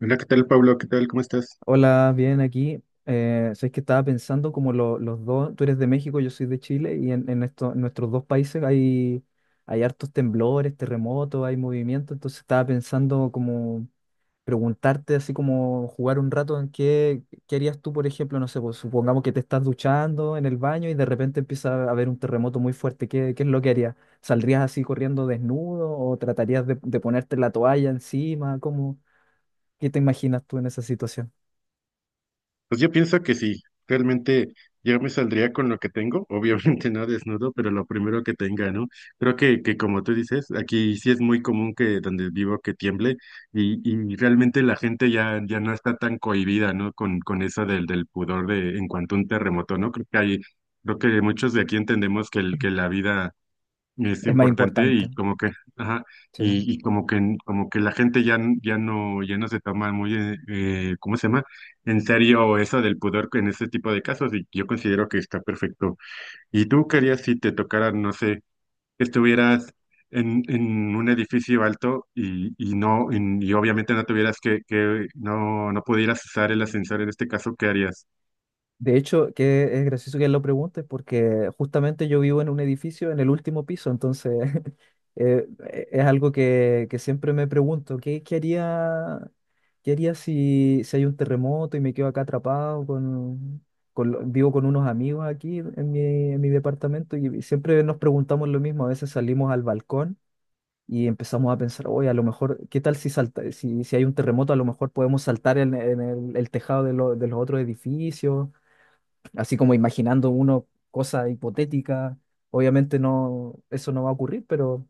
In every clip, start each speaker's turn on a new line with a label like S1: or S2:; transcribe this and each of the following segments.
S1: Hola, ¿qué tal, Pablo? ¿Qué tal? ¿Cómo estás?
S2: Hola, bien aquí. Sabes que estaba pensando como los dos, tú eres de México, yo soy de Chile, y en nuestros dos países hay hartos temblores, terremotos, hay movimiento, entonces estaba pensando como preguntarte así como jugar un rato en qué harías tú, por ejemplo, no sé, pues, supongamos que te estás duchando en el baño y de repente empieza a haber un terremoto muy fuerte, qué es lo que harías? ¿Saldrías así corriendo desnudo o tratarías de ponerte la toalla encima? Qué te imaginas tú en esa situación?
S1: Pues yo pienso que sí, realmente yo me saldría con lo que tengo, obviamente no desnudo, pero lo primero que tenga, ¿no? Creo que como tú dices, aquí sí es muy común que donde vivo que tiemble y realmente la gente ya, ya no está tan cohibida, ¿no? Con eso del pudor de en cuanto a un terremoto, ¿no? Creo que hay, creo que muchos de aquí entendemos que, el, que la vida es
S2: Es más
S1: importante
S2: importante,
S1: y como que, ajá,
S2: sí.
S1: y como que la gente ya, ya no, ya no se toma muy, ¿cómo se llama? En serio eso del pudor en ese tipo de casos y yo considero que está perfecto. ¿Y tú querías si te tocara, no sé, que estuvieras en un edificio alto y no, y obviamente no tuvieras que no, no pudieras usar el ascensor en este caso, ¿qué harías?
S2: De hecho, que es gracioso que lo preguntes porque justamente yo vivo en un edificio en el último piso, entonces eh, es algo que siempre me pregunto, qué haría si hay un terremoto y me quedo acá atrapado con vivo con unos amigos aquí en en mi departamento, y siempre nos preguntamos lo mismo. A veces salimos al balcón y empezamos a pensar, oye, a lo mejor, ¿qué tal si salta, si hay un terremoto? A lo mejor podemos saltar el tejado de los otros edificios, así como imaginando uno cosa hipotética. Obviamente no, eso no va a ocurrir,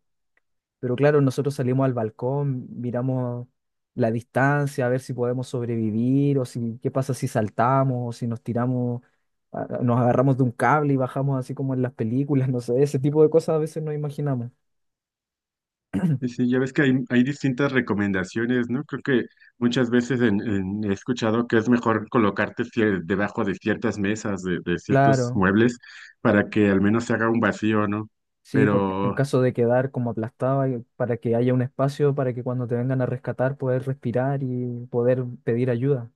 S2: pero claro, nosotros salimos al balcón, miramos la distancia, a ver si podemos sobrevivir, o si qué pasa si saltamos, o si nos tiramos, nos agarramos de un cable y bajamos así como en las películas. No sé, ese tipo de cosas a veces no imaginamos.
S1: Sí, sí, ya ves que hay distintas recomendaciones, ¿no? Creo que muchas veces he escuchado que es mejor colocarte debajo de ciertas mesas, de ciertos
S2: Claro.
S1: muebles, para que al menos se haga un vacío, ¿no?
S2: Sí, por, en
S1: Pero
S2: caso de quedar como aplastado, para que haya un espacio para que cuando te vengan a rescatar poder respirar y poder pedir ayuda.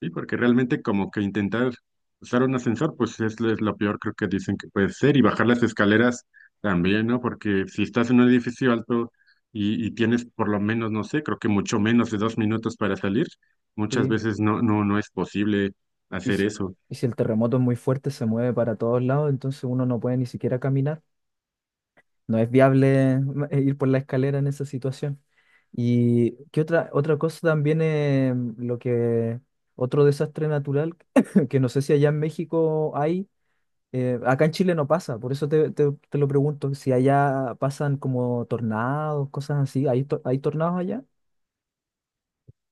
S1: sí, porque realmente como que intentar usar un ascensor, pues es, es lo peor creo que dicen que puede ser, y bajar las escaleras también, ¿no? Porque si estás en un edificio alto y tienes por lo menos, no sé, creo que mucho menos de dos minutos para salir, muchas
S2: Sí.
S1: veces no es posible
S2: Y
S1: hacer
S2: si,
S1: eso.
S2: y si el terremoto es muy fuerte, se mueve para todos lados, entonces uno no puede ni siquiera caminar. No es viable ir por la escalera en esa situación. Y qué otra, otra cosa también es lo que, otro desastre natural, que no sé si allá en México hay. Acá en Chile no pasa, por eso te lo pregunto, si allá pasan como tornados, cosas así. ¿Hay, hay tornados allá?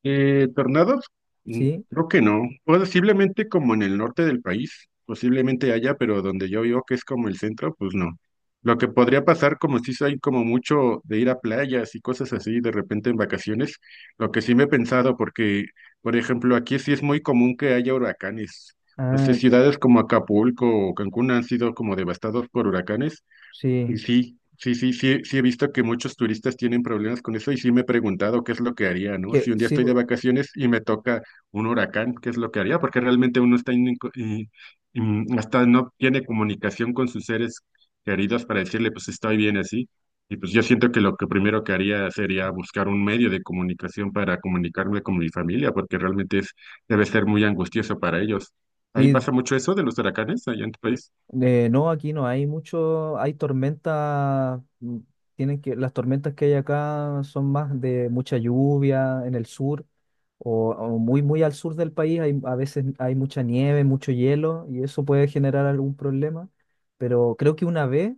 S1: Eh, tornados, Mm,
S2: Sí,
S1: creo que no. Posiblemente como en el norte del país, posiblemente haya, pero donde yo vivo, que es como el centro, pues no. Lo que podría pasar, como si hay como mucho de ir a playas y cosas así de repente en vacaciones, lo que sí me he pensado, porque, por ejemplo, aquí sí es muy común que haya huracanes. No sé,
S2: ah,
S1: ciudades como Acapulco o Cancún han sido como devastados por huracanes.
S2: sí,
S1: Y sí, sí, sí, sí, sí he visto que muchos turistas tienen problemas con eso y sí me he preguntado qué es lo que haría, ¿no? Si
S2: que
S1: un día
S2: sí,
S1: estoy de vacaciones y me toca un huracán, ¿qué es lo que haría? Porque realmente uno está hasta no tiene comunicación con sus seres queridos para decirle, pues estoy bien así. Y pues yo siento que lo que primero que haría sería buscar un medio de comunicación para comunicarme con mi familia, porque realmente es, debe ser muy angustioso para ellos. Ahí
S2: sí,
S1: pasa mucho eso de los huracanes allá en tu país.
S2: no, aquí no hay mucho, hay tormentas, mm, tienen que, las tormentas que hay acá son más de mucha lluvia en el sur, o muy, muy al sur del país, hay, a veces hay mucha nieve, mucho hielo, y eso puede generar algún problema, pero creo que una vez,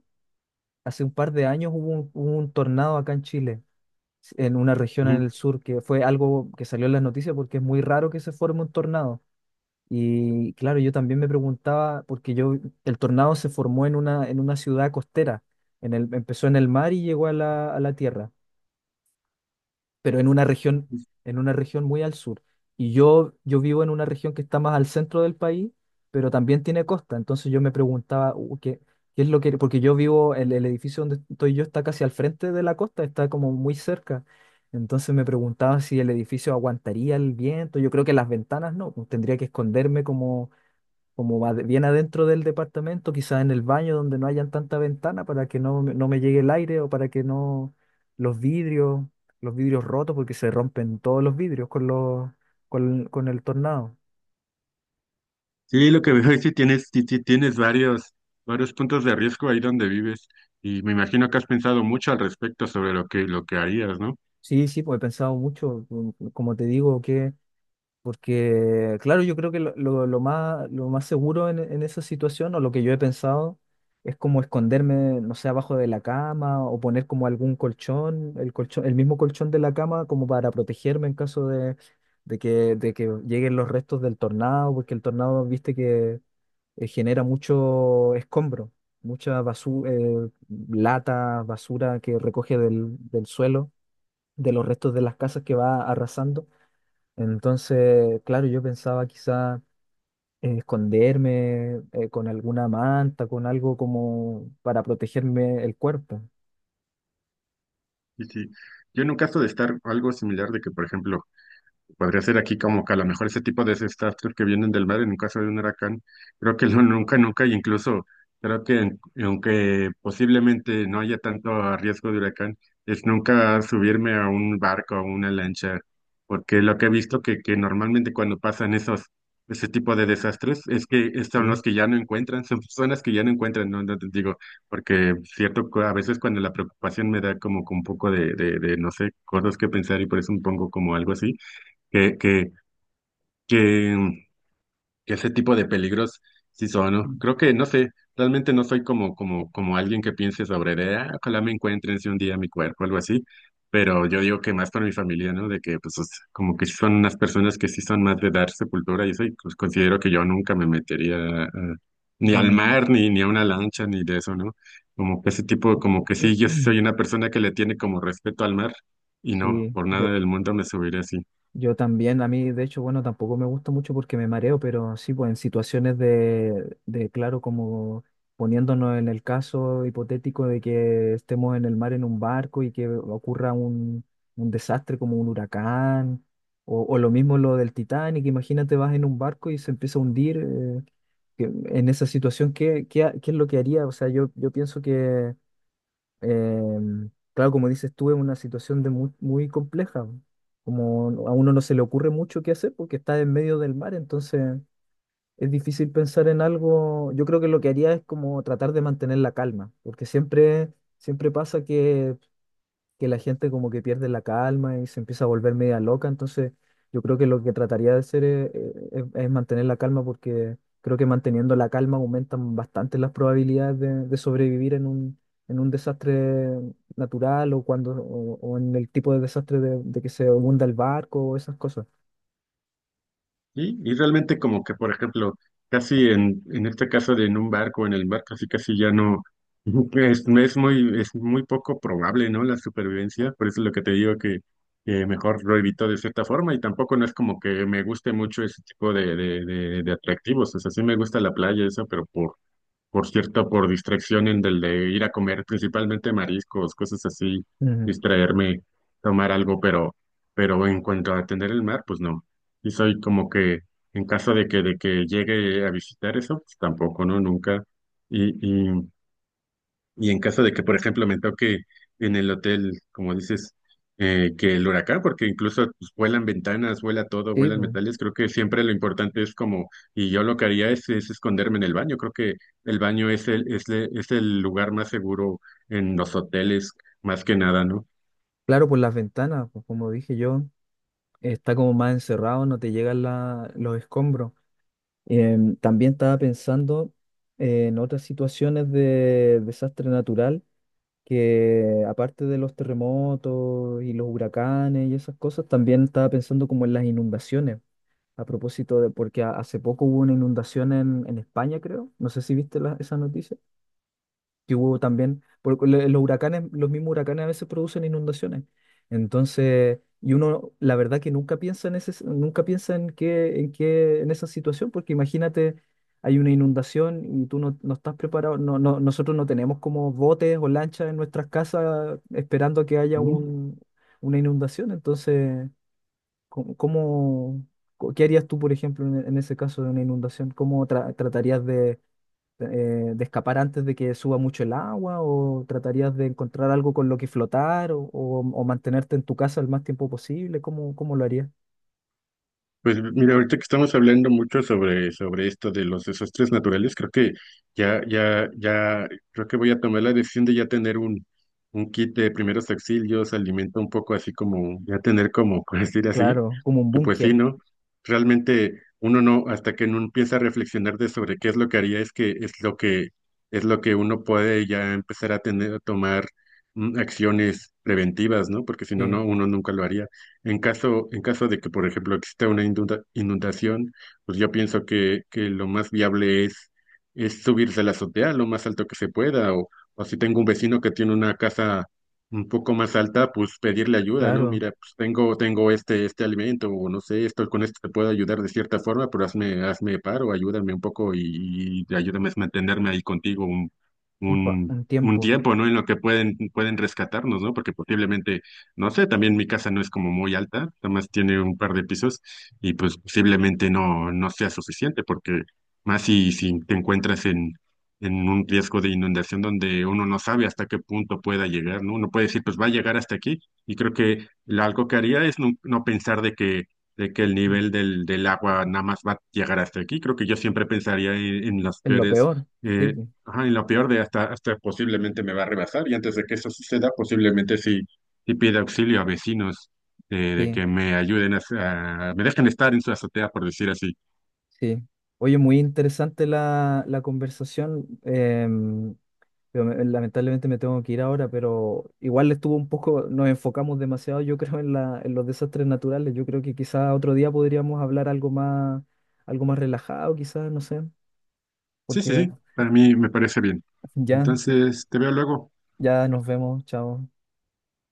S2: hace un par de años, hubo un tornado acá en Chile, en una región en
S1: Ujú.
S2: el sur, que fue algo que salió en las noticias porque es muy raro que se forme un tornado. Y claro, yo también me preguntaba, porque yo, el tornado se formó en en una ciudad costera, empezó en el mar y llegó a a la tierra, pero en una región muy al sur. Y yo vivo en una región que está más al centro del país, pero también tiene costa. Entonces yo me preguntaba, ¿qué, qué es lo que...? Porque yo vivo, el edificio donde estoy yo está casi al frente de la costa, está como muy cerca. Entonces me preguntaba si el edificio aguantaría el viento. Yo creo que las ventanas no, pues tendría que esconderme como bien adentro del departamento, quizás en el baño donde no hayan tanta ventana, para que no, no me llegue el aire, o para que no los vidrios, los vidrios rotos, porque se rompen todos los vidrios con con el tornado.
S1: Sí, lo que veo es que tienes, sí tienes varios, varios puntos de riesgo ahí donde vives y me imagino que has pensado mucho al respecto sobre lo que harías, ¿no?
S2: Sí, sí, pues he pensado mucho, mm, como te digo, que, porque, claro, yo creo que lo más seguro en esa situación, o lo que yo he pensado, es como esconderme, no sé, abajo de la cama, o poner como algún colchón, el mismo colchón de la cama, como para protegerme en caso de de que lleguen los restos del tornado, porque el tornado, viste que genera mucho escombro, mucha basura, lata, basura que recoge del suelo, de los restos de las casas que va arrasando. Entonces, claro, yo pensaba quizá esconderme con alguna manta, con algo como para protegerme el cuerpo.
S1: Y sí, yo en un caso de estar algo similar de que, por ejemplo, podría ser aquí como que a lo mejor ese tipo de desastres que vienen del mar en un caso de un huracán, creo que no, nunca, nunca, y incluso creo que aunque posiblemente no haya tanto riesgo de huracán, es nunca subirme a un barco o una lancha, porque lo que he visto que normalmente cuando pasan esos, ese tipo de desastres es que
S2: Sí,
S1: son los que ya no encuentran, son personas que ya no encuentran, no, no te digo, porque cierto, a veces cuando la preocupación me da como que un poco de no sé, cosas que pensar y por eso me pongo como algo así que, que, que, que ese tipo de peligros sí son, ¿no? Creo que, no sé, realmente no soy como, como, como alguien que piense sobre de, ah, ojalá me encuentren si un día mi cuerpo, algo así, pero yo digo que más para mi familia, ¿no? De que, pues, o sea, como que son unas personas que sí son más de dar sepultura y eso, y pues considero que yo nunca me metería eh, ni al
S2: como-
S1: mar, ni, ni a una lancha, ni de eso, ¿no? Como que ese tipo, como que sí, yo sí soy una persona que le tiene como respeto al mar y no,
S2: sí,
S1: por nada
S2: yo,
S1: del mundo me subiré así.
S2: Yo también. A mí de hecho, bueno, tampoco me gusta mucho porque me mareo, pero sí, pues en situaciones claro, como poniéndonos en el caso hipotético de que estemos en el mar en un barco y que ocurra un desastre como un huracán, o lo mismo lo del Titanic, imagínate vas en un barco y se empieza a hundir, en esa situación, qué es lo que haría? O sea, yo pienso que claro, como dices tú, es una situación de muy, muy compleja. Como a uno no se le ocurre mucho qué hacer porque está en medio del mar, entonces es difícil pensar en algo. Yo creo que lo que haría es como tratar de mantener la calma, porque siempre, siempre pasa que la gente como que pierde la calma y se empieza a volver media loca. Entonces, yo creo que lo que trataría de hacer es mantener la calma, porque creo que manteniendo la calma aumentan bastante las probabilidades de sobrevivir en un desastre natural, o cuando o en el tipo de desastre de que se hunda el barco o esas cosas.
S1: Y realmente como que, por ejemplo, casi en este caso de en un barco, en el mar, casi casi ya no, es muy poco probable, ¿no? La supervivencia, por eso es lo que te digo que mejor lo evito de cierta forma y tampoco no es como que me guste mucho ese tipo de atractivos, o sea, sí me gusta la playa, eso, pero por cierto, por distracción en del de ir a comer principalmente mariscos, cosas así,
S2: Ujú.
S1: distraerme, tomar algo, pero en cuanto a atender el mar, pues no. Y soy como que, en caso de que llegue a visitar eso, pues tampoco, ¿no? Nunca. Y y en caso de que, por ejemplo, me toque en el hotel, como dices, que el huracán, porque incluso pues, vuelan ventanas, vuela todo,
S2: Sí,
S1: vuelan
S2: pues,
S1: metales, creo que siempre lo importante es como, y yo lo que haría es esconderme en el baño. Creo que el baño es el, es, es el lugar más seguro en los hoteles, más que nada, ¿no?
S2: claro, por las ventanas, pues, como dije yo, está como más encerrado, no te llegan los escombros. También estaba pensando en otras situaciones de desastre natural, que aparte de los terremotos y los huracanes y esas cosas, también estaba pensando como en las inundaciones. A propósito de, porque hace poco hubo una inundación en España, creo. No sé si viste esa noticia que hubo también, porque los huracanes, los mismos huracanes a veces producen inundaciones. Entonces, y uno, la verdad que nunca piensa en ese, nunca piensa en qué, en qué, en esa situación, porque imagínate, hay una inundación y tú no, no estás preparado, no, no, nosotros no tenemos como botes o lanchas en nuestras casas esperando a que haya un, una inundación. Entonces, ¿cómo, cómo- qué harías tú, por ejemplo, en ese caso de una inundación? ¿Cómo tratarías de escapar antes de que suba mucho el agua, o tratarías de encontrar algo con lo que flotar, o mantenerte en tu casa el más tiempo posible? ¿Cómo, cómo lo harías?
S1: Pues mira, ahorita que estamos hablando mucho sobre, sobre esto de los desastres naturales, creo que ya, ya, ya, creo que voy a tomar la decisión de ya tener un kit de primeros auxilios, alimento un poco así como, ya tener como, por decir así,
S2: Claro, como un
S1: que pues sí,
S2: búnker,
S1: ¿no? Realmente uno no, hasta que no empieza a reflexionar de sobre qué es lo que haría, es que es lo que es lo que uno puede ya empezar a tener, a tomar acciones preventivas, ¿no? Porque si no,
S2: sí,
S1: no, uno nunca lo haría. En caso de que, por ejemplo, exista una inundación, pues yo pienso que lo más viable es subirse a la azotea lo más alto que se pueda, o si tengo un vecino que tiene una casa un poco más alta, pues pedirle ayuda, ¿no?
S2: claro,
S1: Mira, pues tengo, tengo este, este alimento, o no sé, esto con esto te puedo ayudar de cierta forma, pero hazme, hazme paro, ayúdame un poco y ayúdame a mantenerme ahí contigo
S2: un, un
S1: un
S2: tiempo,
S1: tiempo, ¿no? En lo que pueden, pueden rescatarnos, ¿no? Porque posiblemente, no sé, también mi casa no es como muy alta, nada más tiene un par de pisos, y pues posiblemente no, no sea suficiente, porque más si, si te encuentras en un riesgo de inundación donde uno no sabe hasta qué punto pueda llegar, ¿no? Uno puede decir, pues va a llegar hasta aquí. Y creo que algo que haría es no, no pensar de que el
S2: mm,
S1: nivel del, del agua nada más va a llegar hasta aquí. Creo que yo siempre pensaría en las
S2: en lo
S1: peores,
S2: peor, sí,
S1: eh,
S2: pu,
S1: ajá, en lo peor de hasta, hasta posiblemente me va a rebasar. Y antes de que eso suceda, posiblemente sí, sí pida auxilio a vecinos. Eh, de
S2: sí,
S1: que me ayuden a, me dejen estar en su azotea, por decir así.
S2: sí. Oye, muy interesante la, la conversación. Pero lamentablemente me tengo que ir ahora, pero igual estuvo un poco, nos enfocamos demasiado, yo creo, en la, en los desastres naturales. Yo creo que quizás otro día podríamos hablar algo más relajado, quizás, no sé,
S1: Sí, sí,
S2: porque
S1: sí, para mí me parece bien.
S2: ya,
S1: Entonces, te veo luego.
S2: ya nos vemos, chao.